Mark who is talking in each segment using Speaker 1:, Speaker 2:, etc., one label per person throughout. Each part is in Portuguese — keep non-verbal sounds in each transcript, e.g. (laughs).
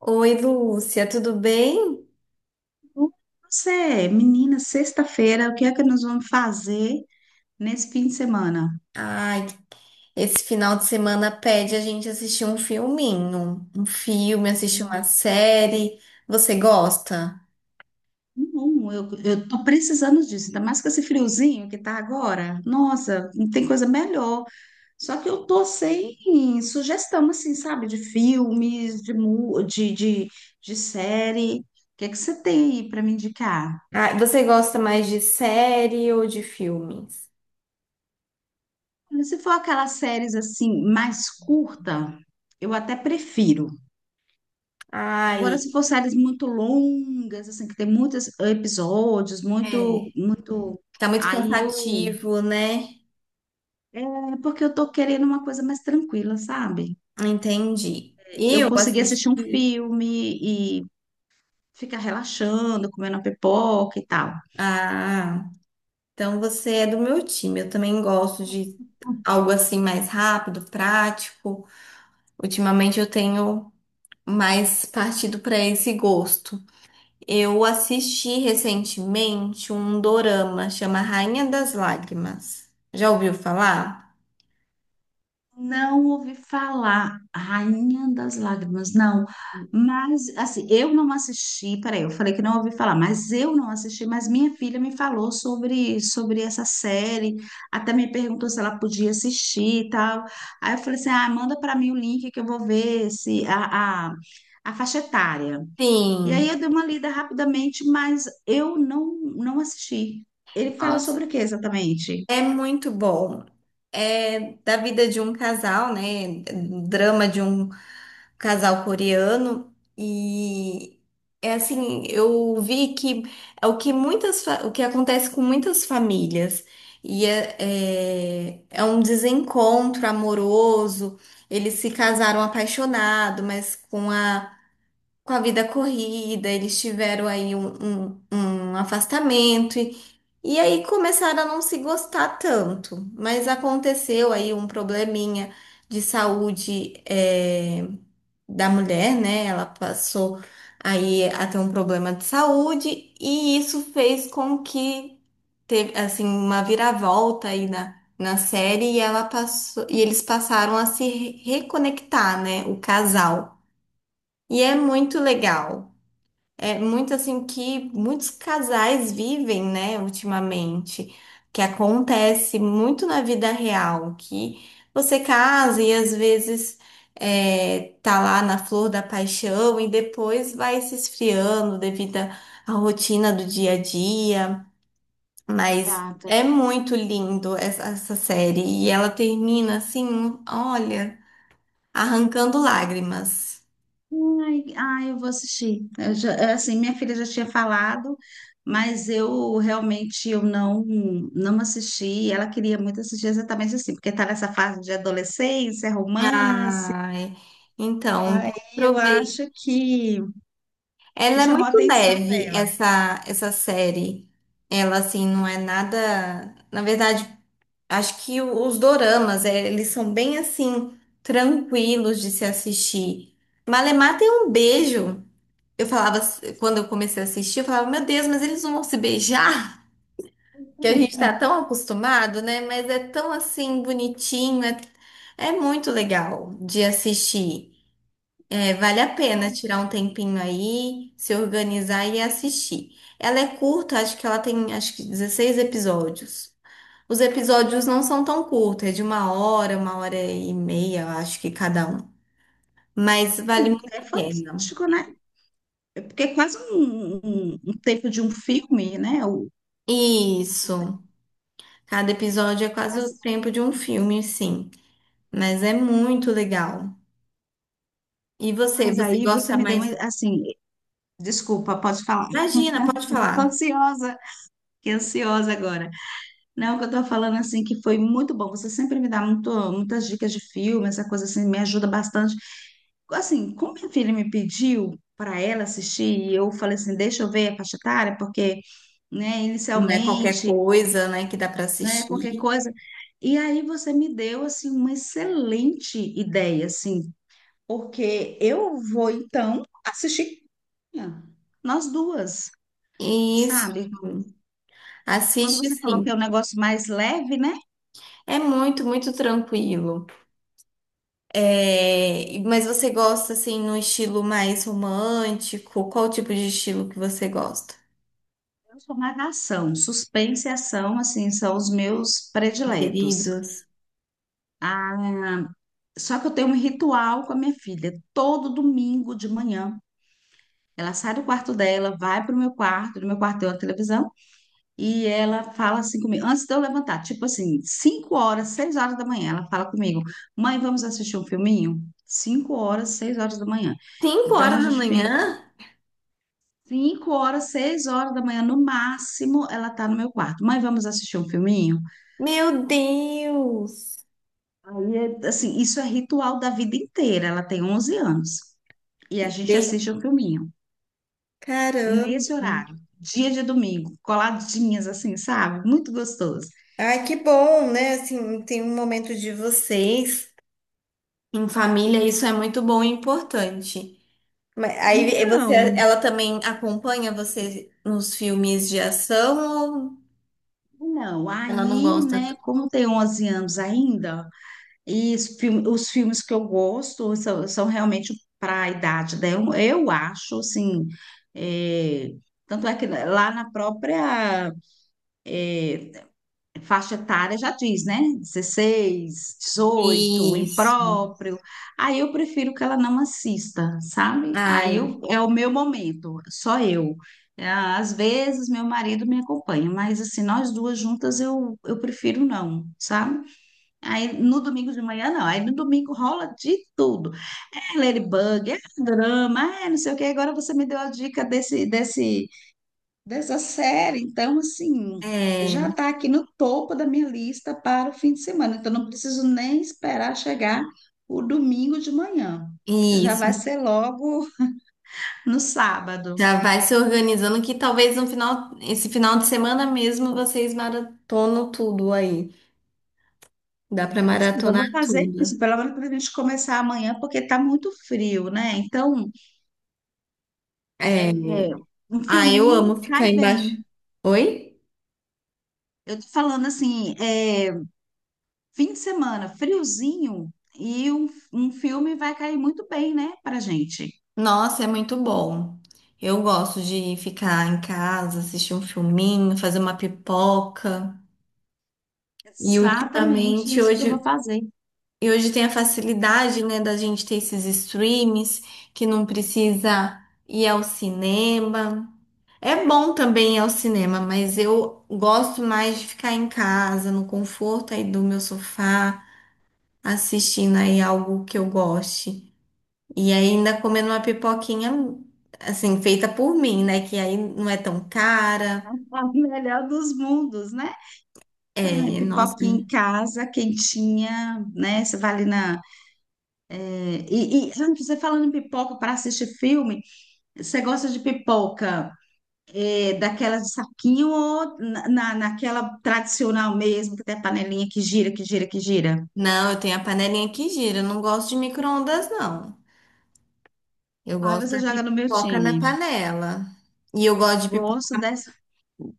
Speaker 1: Oi, Lúcia, tudo bem?
Speaker 2: Você, menina, sexta-feira, o que é que nós vamos fazer nesse fim de semana?
Speaker 1: Ai, esse final de semana pede a gente assistir um filminho, um filme, assistir uma
Speaker 2: Hum.
Speaker 1: série. Você gosta?
Speaker 2: Não, eu tô precisando disso, ainda mais com esse friozinho que tá agora. Nossa, não tem coisa melhor. Só que eu tô sem sugestão, assim, sabe, de filmes, de, mu- de série. O que é que você tem aí para me indicar?
Speaker 1: Ah, você gosta mais de série ou de filmes?
Speaker 2: Se for aquelas séries, assim, mais curta, eu até prefiro. Agora, se
Speaker 1: Ai,
Speaker 2: for séries muito longas, assim, que tem muitos episódios, muito,
Speaker 1: é,
Speaker 2: muito.
Speaker 1: tá muito
Speaker 2: Aí eu.
Speaker 1: cansativo, né?
Speaker 2: É porque eu tô querendo uma coisa mais tranquila, sabe?
Speaker 1: Entendi.
Speaker 2: Eu
Speaker 1: Eu
Speaker 2: consegui assistir um
Speaker 1: assisti.
Speaker 2: filme e ficar relaxando, comendo uma pipoca e tal.
Speaker 1: Ah, então você é do meu time. Eu também gosto de algo assim mais rápido, prático. Ultimamente eu tenho mais partido para esse gosto. Eu assisti recentemente um dorama, chama Rainha das Lágrimas. Já ouviu falar?
Speaker 2: Não ouvi falar Rainha das Lágrimas, não. Mas, assim, eu não assisti, peraí, eu falei que não ouvi falar, mas eu não assisti, mas minha filha me falou sobre essa série, até me perguntou se ela podia assistir e tal. Aí eu falei assim, ah, manda para mim o link que eu vou ver se a faixa etária. E aí
Speaker 1: Sim.
Speaker 2: eu dei uma lida rapidamente, mas eu não assisti. Ele fala sobre
Speaker 1: Nossa,
Speaker 2: o que exatamente?
Speaker 1: é muito bom. É da vida de um casal, né? Drama de um casal coreano e é assim, eu vi que é o que o que acontece com muitas famílias e é um desencontro amoroso. Eles se casaram apaixonado, mas com a vida corrida, eles tiveram aí um afastamento e aí começaram a não se gostar tanto. Mas aconteceu aí um probleminha de saúde da mulher, né? Ela passou aí a ter um problema de saúde e isso fez com que teve assim uma viravolta aí na série e ela passou e eles passaram a se re- reconectar, né? O casal. E é muito legal. É muito assim que muitos casais vivem, né, ultimamente, que acontece muito na vida real, que você casa e às vezes é, tá lá na flor da paixão e depois vai se esfriando devido à rotina do dia a dia, mas é
Speaker 2: Exato.
Speaker 1: muito lindo essa série e ela termina assim, olha, arrancando lágrimas.
Speaker 2: Ai, ai, eu vou assistir. Eu já- é assim, minha filha já tinha falado, mas eu realmente eu não não assisti. Ela queria muito assistir exatamente assim, porque está nessa fase de adolescência, romance.
Speaker 1: Ai, então,
Speaker 2: Aí eu
Speaker 1: aproveita.
Speaker 2: acho que
Speaker 1: Ela é
Speaker 2: chamou a
Speaker 1: muito
Speaker 2: atenção
Speaker 1: leve,
Speaker 2: dela.
Speaker 1: essa série. Ela, assim, não é nada. Na verdade, acho que os doramas, é, eles são bem, assim, tranquilos de se assistir. Malemar tem um beijo. Eu falava, quando eu comecei a assistir, eu falava, meu Deus, mas eles não vão se beijar? Que a gente tá tão acostumado, né? Mas é tão, assim, bonitinho. É, é muito legal de assistir. É, vale a pena tirar um tempinho aí, se organizar e assistir. Ela é curta, acho que ela tem acho que 16 episódios. Os episódios não são tão curtos, é de uma hora e meia, eu acho que cada um. Mas vale
Speaker 2: Mas
Speaker 1: muito
Speaker 2: isso é
Speaker 1: a pena.
Speaker 2: fantástico, né? Porque é quase um, um tempo de um filme, né? O-
Speaker 1: Isso. Cada episódio é quase o
Speaker 2: Mas,
Speaker 1: tempo de um filme, sim. Mas é muito legal. E você,
Speaker 2: mas
Speaker 1: você
Speaker 2: aí você
Speaker 1: gosta
Speaker 2: me deu uma,
Speaker 1: mais?
Speaker 2: assim, desculpa, pode falar.
Speaker 1: Imagina, pode
Speaker 2: (laughs) Tô
Speaker 1: falar.
Speaker 2: ansiosa, fiquei ansiosa agora. Não, o que eu tô falando assim que foi muito bom. Você sempre me dá muito, muitas dicas de filme, essa coisa assim, me ajuda bastante. Assim, como minha filha me pediu para ela assistir, e eu falei assim, deixa eu ver a faixa etária, porque, né,
Speaker 1: Não é qualquer
Speaker 2: inicialmente,
Speaker 1: coisa, né, que dá para
Speaker 2: né, qualquer
Speaker 1: assistir.
Speaker 2: coisa. E aí você me deu, assim, uma excelente ideia, assim, porque eu vou, então, assistir. Nós duas,
Speaker 1: Isso.
Speaker 2: sabe? Quando
Speaker 1: Assiste
Speaker 2: você falou que
Speaker 1: sim.
Speaker 2: é um negócio mais leve, né?
Speaker 1: É muito, muito tranquilo. É, mas você gosta assim no estilo mais romântico? Qual tipo de estilo que você gosta?
Speaker 2: Eu sou ação. Suspense e ação, assim, são os meus prediletos.
Speaker 1: Preferidos?
Speaker 2: Ah, só que eu tenho um ritual com a minha filha. Todo domingo de manhã, ela sai do quarto dela, vai pro meu quarto, no meu quarto tem uma televisão, e ela fala assim comigo, antes de eu levantar, tipo assim, 5 horas, 6 horas da manhã, ela fala comigo, mãe, vamos assistir um filminho? 5 horas, 6 horas da manhã.
Speaker 1: Cinco
Speaker 2: Então, a
Speaker 1: horas da
Speaker 2: gente fica
Speaker 1: manhã?
Speaker 2: 5 horas, 6 horas da manhã, no máximo, ela tá no meu quarto. Mãe, vamos assistir um filminho?
Speaker 1: Meu Deus!
Speaker 2: Aí, é, assim, isso é ritual da vida inteira. Ela tem 11 anos. E
Speaker 1: E
Speaker 2: a gente assiste
Speaker 1: tem-
Speaker 2: um filminho nesse
Speaker 1: Caramba!
Speaker 2: horário, dia de domingo, coladinhas assim, sabe? Muito gostoso.
Speaker 1: Ai, que bom, né? Assim, tem um momento de vocês em família, isso é muito bom e importante. Mas aí você,
Speaker 2: Então,
Speaker 1: ela também acompanha você nos filmes de ação ou
Speaker 2: não,
Speaker 1: ela não
Speaker 2: aí,
Speaker 1: gosta.
Speaker 2: né, como tem 11 anos ainda, e os os filmes que eu gosto são, são realmente para a idade dela, eu acho, assim, é, tanto é que lá na própria faixa etária já diz, né? 16, 18
Speaker 1: Isso.
Speaker 2: impróprio. Aí eu prefiro que ela não assista, sabe? Aí
Speaker 1: Ai,
Speaker 2: eu- é o meu momento, só eu. É, às vezes meu marido me acompanha, mas assim, nós duas juntas eu prefiro não, sabe? Aí no domingo de manhã não, aí no domingo rola de tudo. É Ladybug, é drama, é não sei o que. Agora você me deu a dica desse, desse dessa série. Então, assim, já
Speaker 1: é,
Speaker 2: está aqui no topo da minha lista para o fim de semana. Então, não preciso nem esperar chegar o domingo de manhã. Já vai
Speaker 1: isso.
Speaker 2: ser logo no sábado.
Speaker 1: Já vai se organizando que talvez no final, esse final de semana mesmo vocês maratonam tudo aí. Dá pra
Speaker 2: Ou seja, eu
Speaker 1: maratonar
Speaker 2: vou fazer
Speaker 1: tudo.
Speaker 2: isso, pelo menos para a gente começar amanhã, porque está muito frio, né? Então,
Speaker 1: É.
Speaker 2: é, um
Speaker 1: Ah, eu
Speaker 2: filminho
Speaker 1: amo
Speaker 2: cai
Speaker 1: ficar
Speaker 2: bem.
Speaker 1: embaixo. Oi?
Speaker 2: Eu tô falando assim, é, fim de semana, friozinho, e um filme vai cair muito bem, né, pra gente.
Speaker 1: Nossa, é muito bom. Eu gosto de ficar em casa, assistir um filminho, fazer uma pipoca. E
Speaker 2: Exatamente
Speaker 1: ultimamente,
Speaker 2: isso que eu vou
Speaker 1: hoje,
Speaker 2: fazer.
Speaker 1: e hoje tem a facilidade, né, da gente ter esses streams que não precisa ir ao cinema. É bom também ir ao cinema, mas eu gosto mais de ficar em casa, no conforto aí do meu sofá, assistindo aí algo que eu goste. E ainda comendo uma pipoquinha, assim, feita por mim, né? Que aí não é tão cara.
Speaker 2: (laughs) O melhor dos mundos, né? Ai,
Speaker 1: É, nossa.
Speaker 2: pipoquinha em casa, quentinha, né? Você vai ali na. E antes, você falando em pipoca para assistir filme, você gosta de pipoca daquela de saquinho ou naquela tradicional mesmo, que tem a panelinha que gira, que gira, que gira?
Speaker 1: Não, eu tenho a panelinha que gira, eu não gosto de micro-ondas, não. Eu
Speaker 2: Aí
Speaker 1: gosto
Speaker 2: você
Speaker 1: da
Speaker 2: joga no meu
Speaker 1: pipoca na
Speaker 2: time.
Speaker 1: panela. E eu gosto de
Speaker 2: Gosto
Speaker 1: pipoca
Speaker 2: dessa.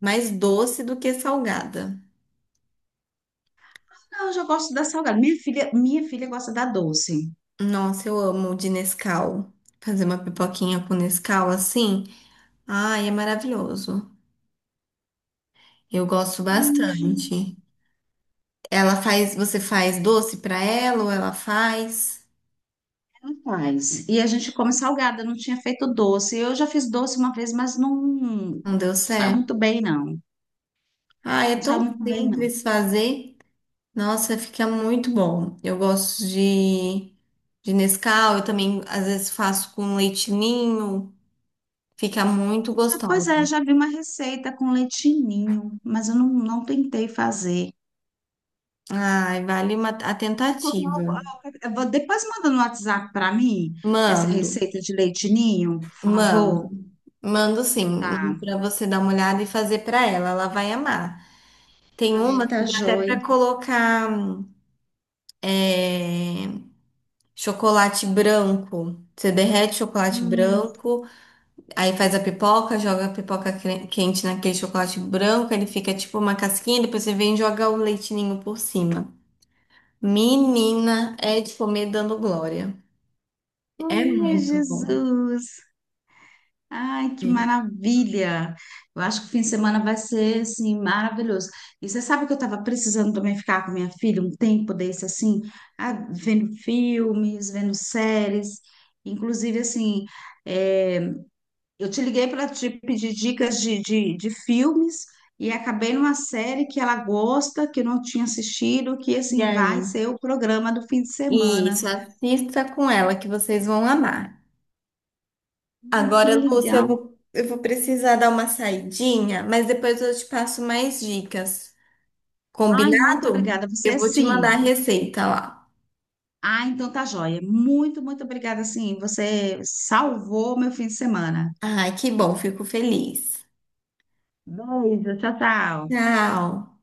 Speaker 1: mais doce do que salgada.
Speaker 2: Não, eu já gosto da salgada. Minha filha gosta da doce.
Speaker 1: Nossa, eu amo de Nescau. Fazer uma pipoquinha com Nescau assim, ai, é maravilhoso. Eu gosto
Speaker 2: Ai,
Speaker 1: bastante. Ela faz, você faz doce pra ela ou ela faz?
Speaker 2: rapaz, e a gente come salgada, não tinha feito doce. Eu já fiz doce uma vez, mas não
Speaker 1: Não deu
Speaker 2: saiu
Speaker 1: certo.
Speaker 2: muito bem, não.
Speaker 1: Ah, é
Speaker 2: Não saiu
Speaker 1: tão
Speaker 2: muito bem, não.
Speaker 1: simples fazer. Nossa, fica muito bom. Eu gosto de Nescau, eu também às vezes faço com leite ninho. Fica muito
Speaker 2: Já- Pois é,
Speaker 1: gostosa.
Speaker 2: já vi uma receita com leitinho, mas eu não tentei fazer.
Speaker 1: Ai, vale uma, a
Speaker 2: Vamos copiar
Speaker 1: tentativa.
Speaker 2: o- eu vou- Depois manda no WhatsApp para mim essa
Speaker 1: Mando,
Speaker 2: receita de leitinho, por
Speaker 1: mando,
Speaker 2: favor.
Speaker 1: mando sim. Mando
Speaker 2: Tá.
Speaker 1: para você dar uma olhada e fazer para ela. Ela vai amar. Tem
Speaker 2: Ai,
Speaker 1: uma que
Speaker 2: tá
Speaker 1: dá até
Speaker 2: joia.
Speaker 1: para colocar é, chocolate branco. Você derrete chocolate
Speaker 2: Hum.
Speaker 1: branco, aí faz a pipoca, joga a quente naquele chocolate branco, ele fica tipo uma casquinha, depois você vem e joga o leitinho por cima. Menina, é de comer dando glória. É
Speaker 2: Ai,
Speaker 1: muito bom.
Speaker 2: Jesus. Ai, que
Speaker 1: Sim.
Speaker 2: maravilha! Eu acho que o fim de semana vai ser, assim, maravilhoso. E você sabe que eu estava precisando também ficar com minha filha um tempo desse, assim, ah, vendo filmes, vendo séries. Inclusive, assim, é, eu te liguei para te pedir dicas de filmes e acabei numa série que ela gosta, que eu não tinha assistido, que,
Speaker 1: E
Speaker 2: assim, vai
Speaker 1: aí?
Speaker 2: ser o programa do fim de semana.
Speaker 1: Isso, assista com ela que vocês vão amar.
Speaker 2: Ai, que
Speaker 1: Agora, Lúcia,
Speaker 2: legal!
Speaker 1: eu vou precisar dar uma saidinha, mas depois eu te passo mais dicas.
Speaker 2: Ai, muito
Speaker 1: Combinado?
Speaker 2: obrigada. Você,
Speaker 1: Eu vou te mandar a
Speaker 2: assim...
Speaker 1: receita lá.
Speaker 2: Ah, então tá joia. Muito, muito obrigada, sim. Você salvou meu fim de semana.
Speaker 1: Ai, que bom, fico feliz.
Speaker 2: Beijo, tchau, tchau.
Speaker 1: Tchau.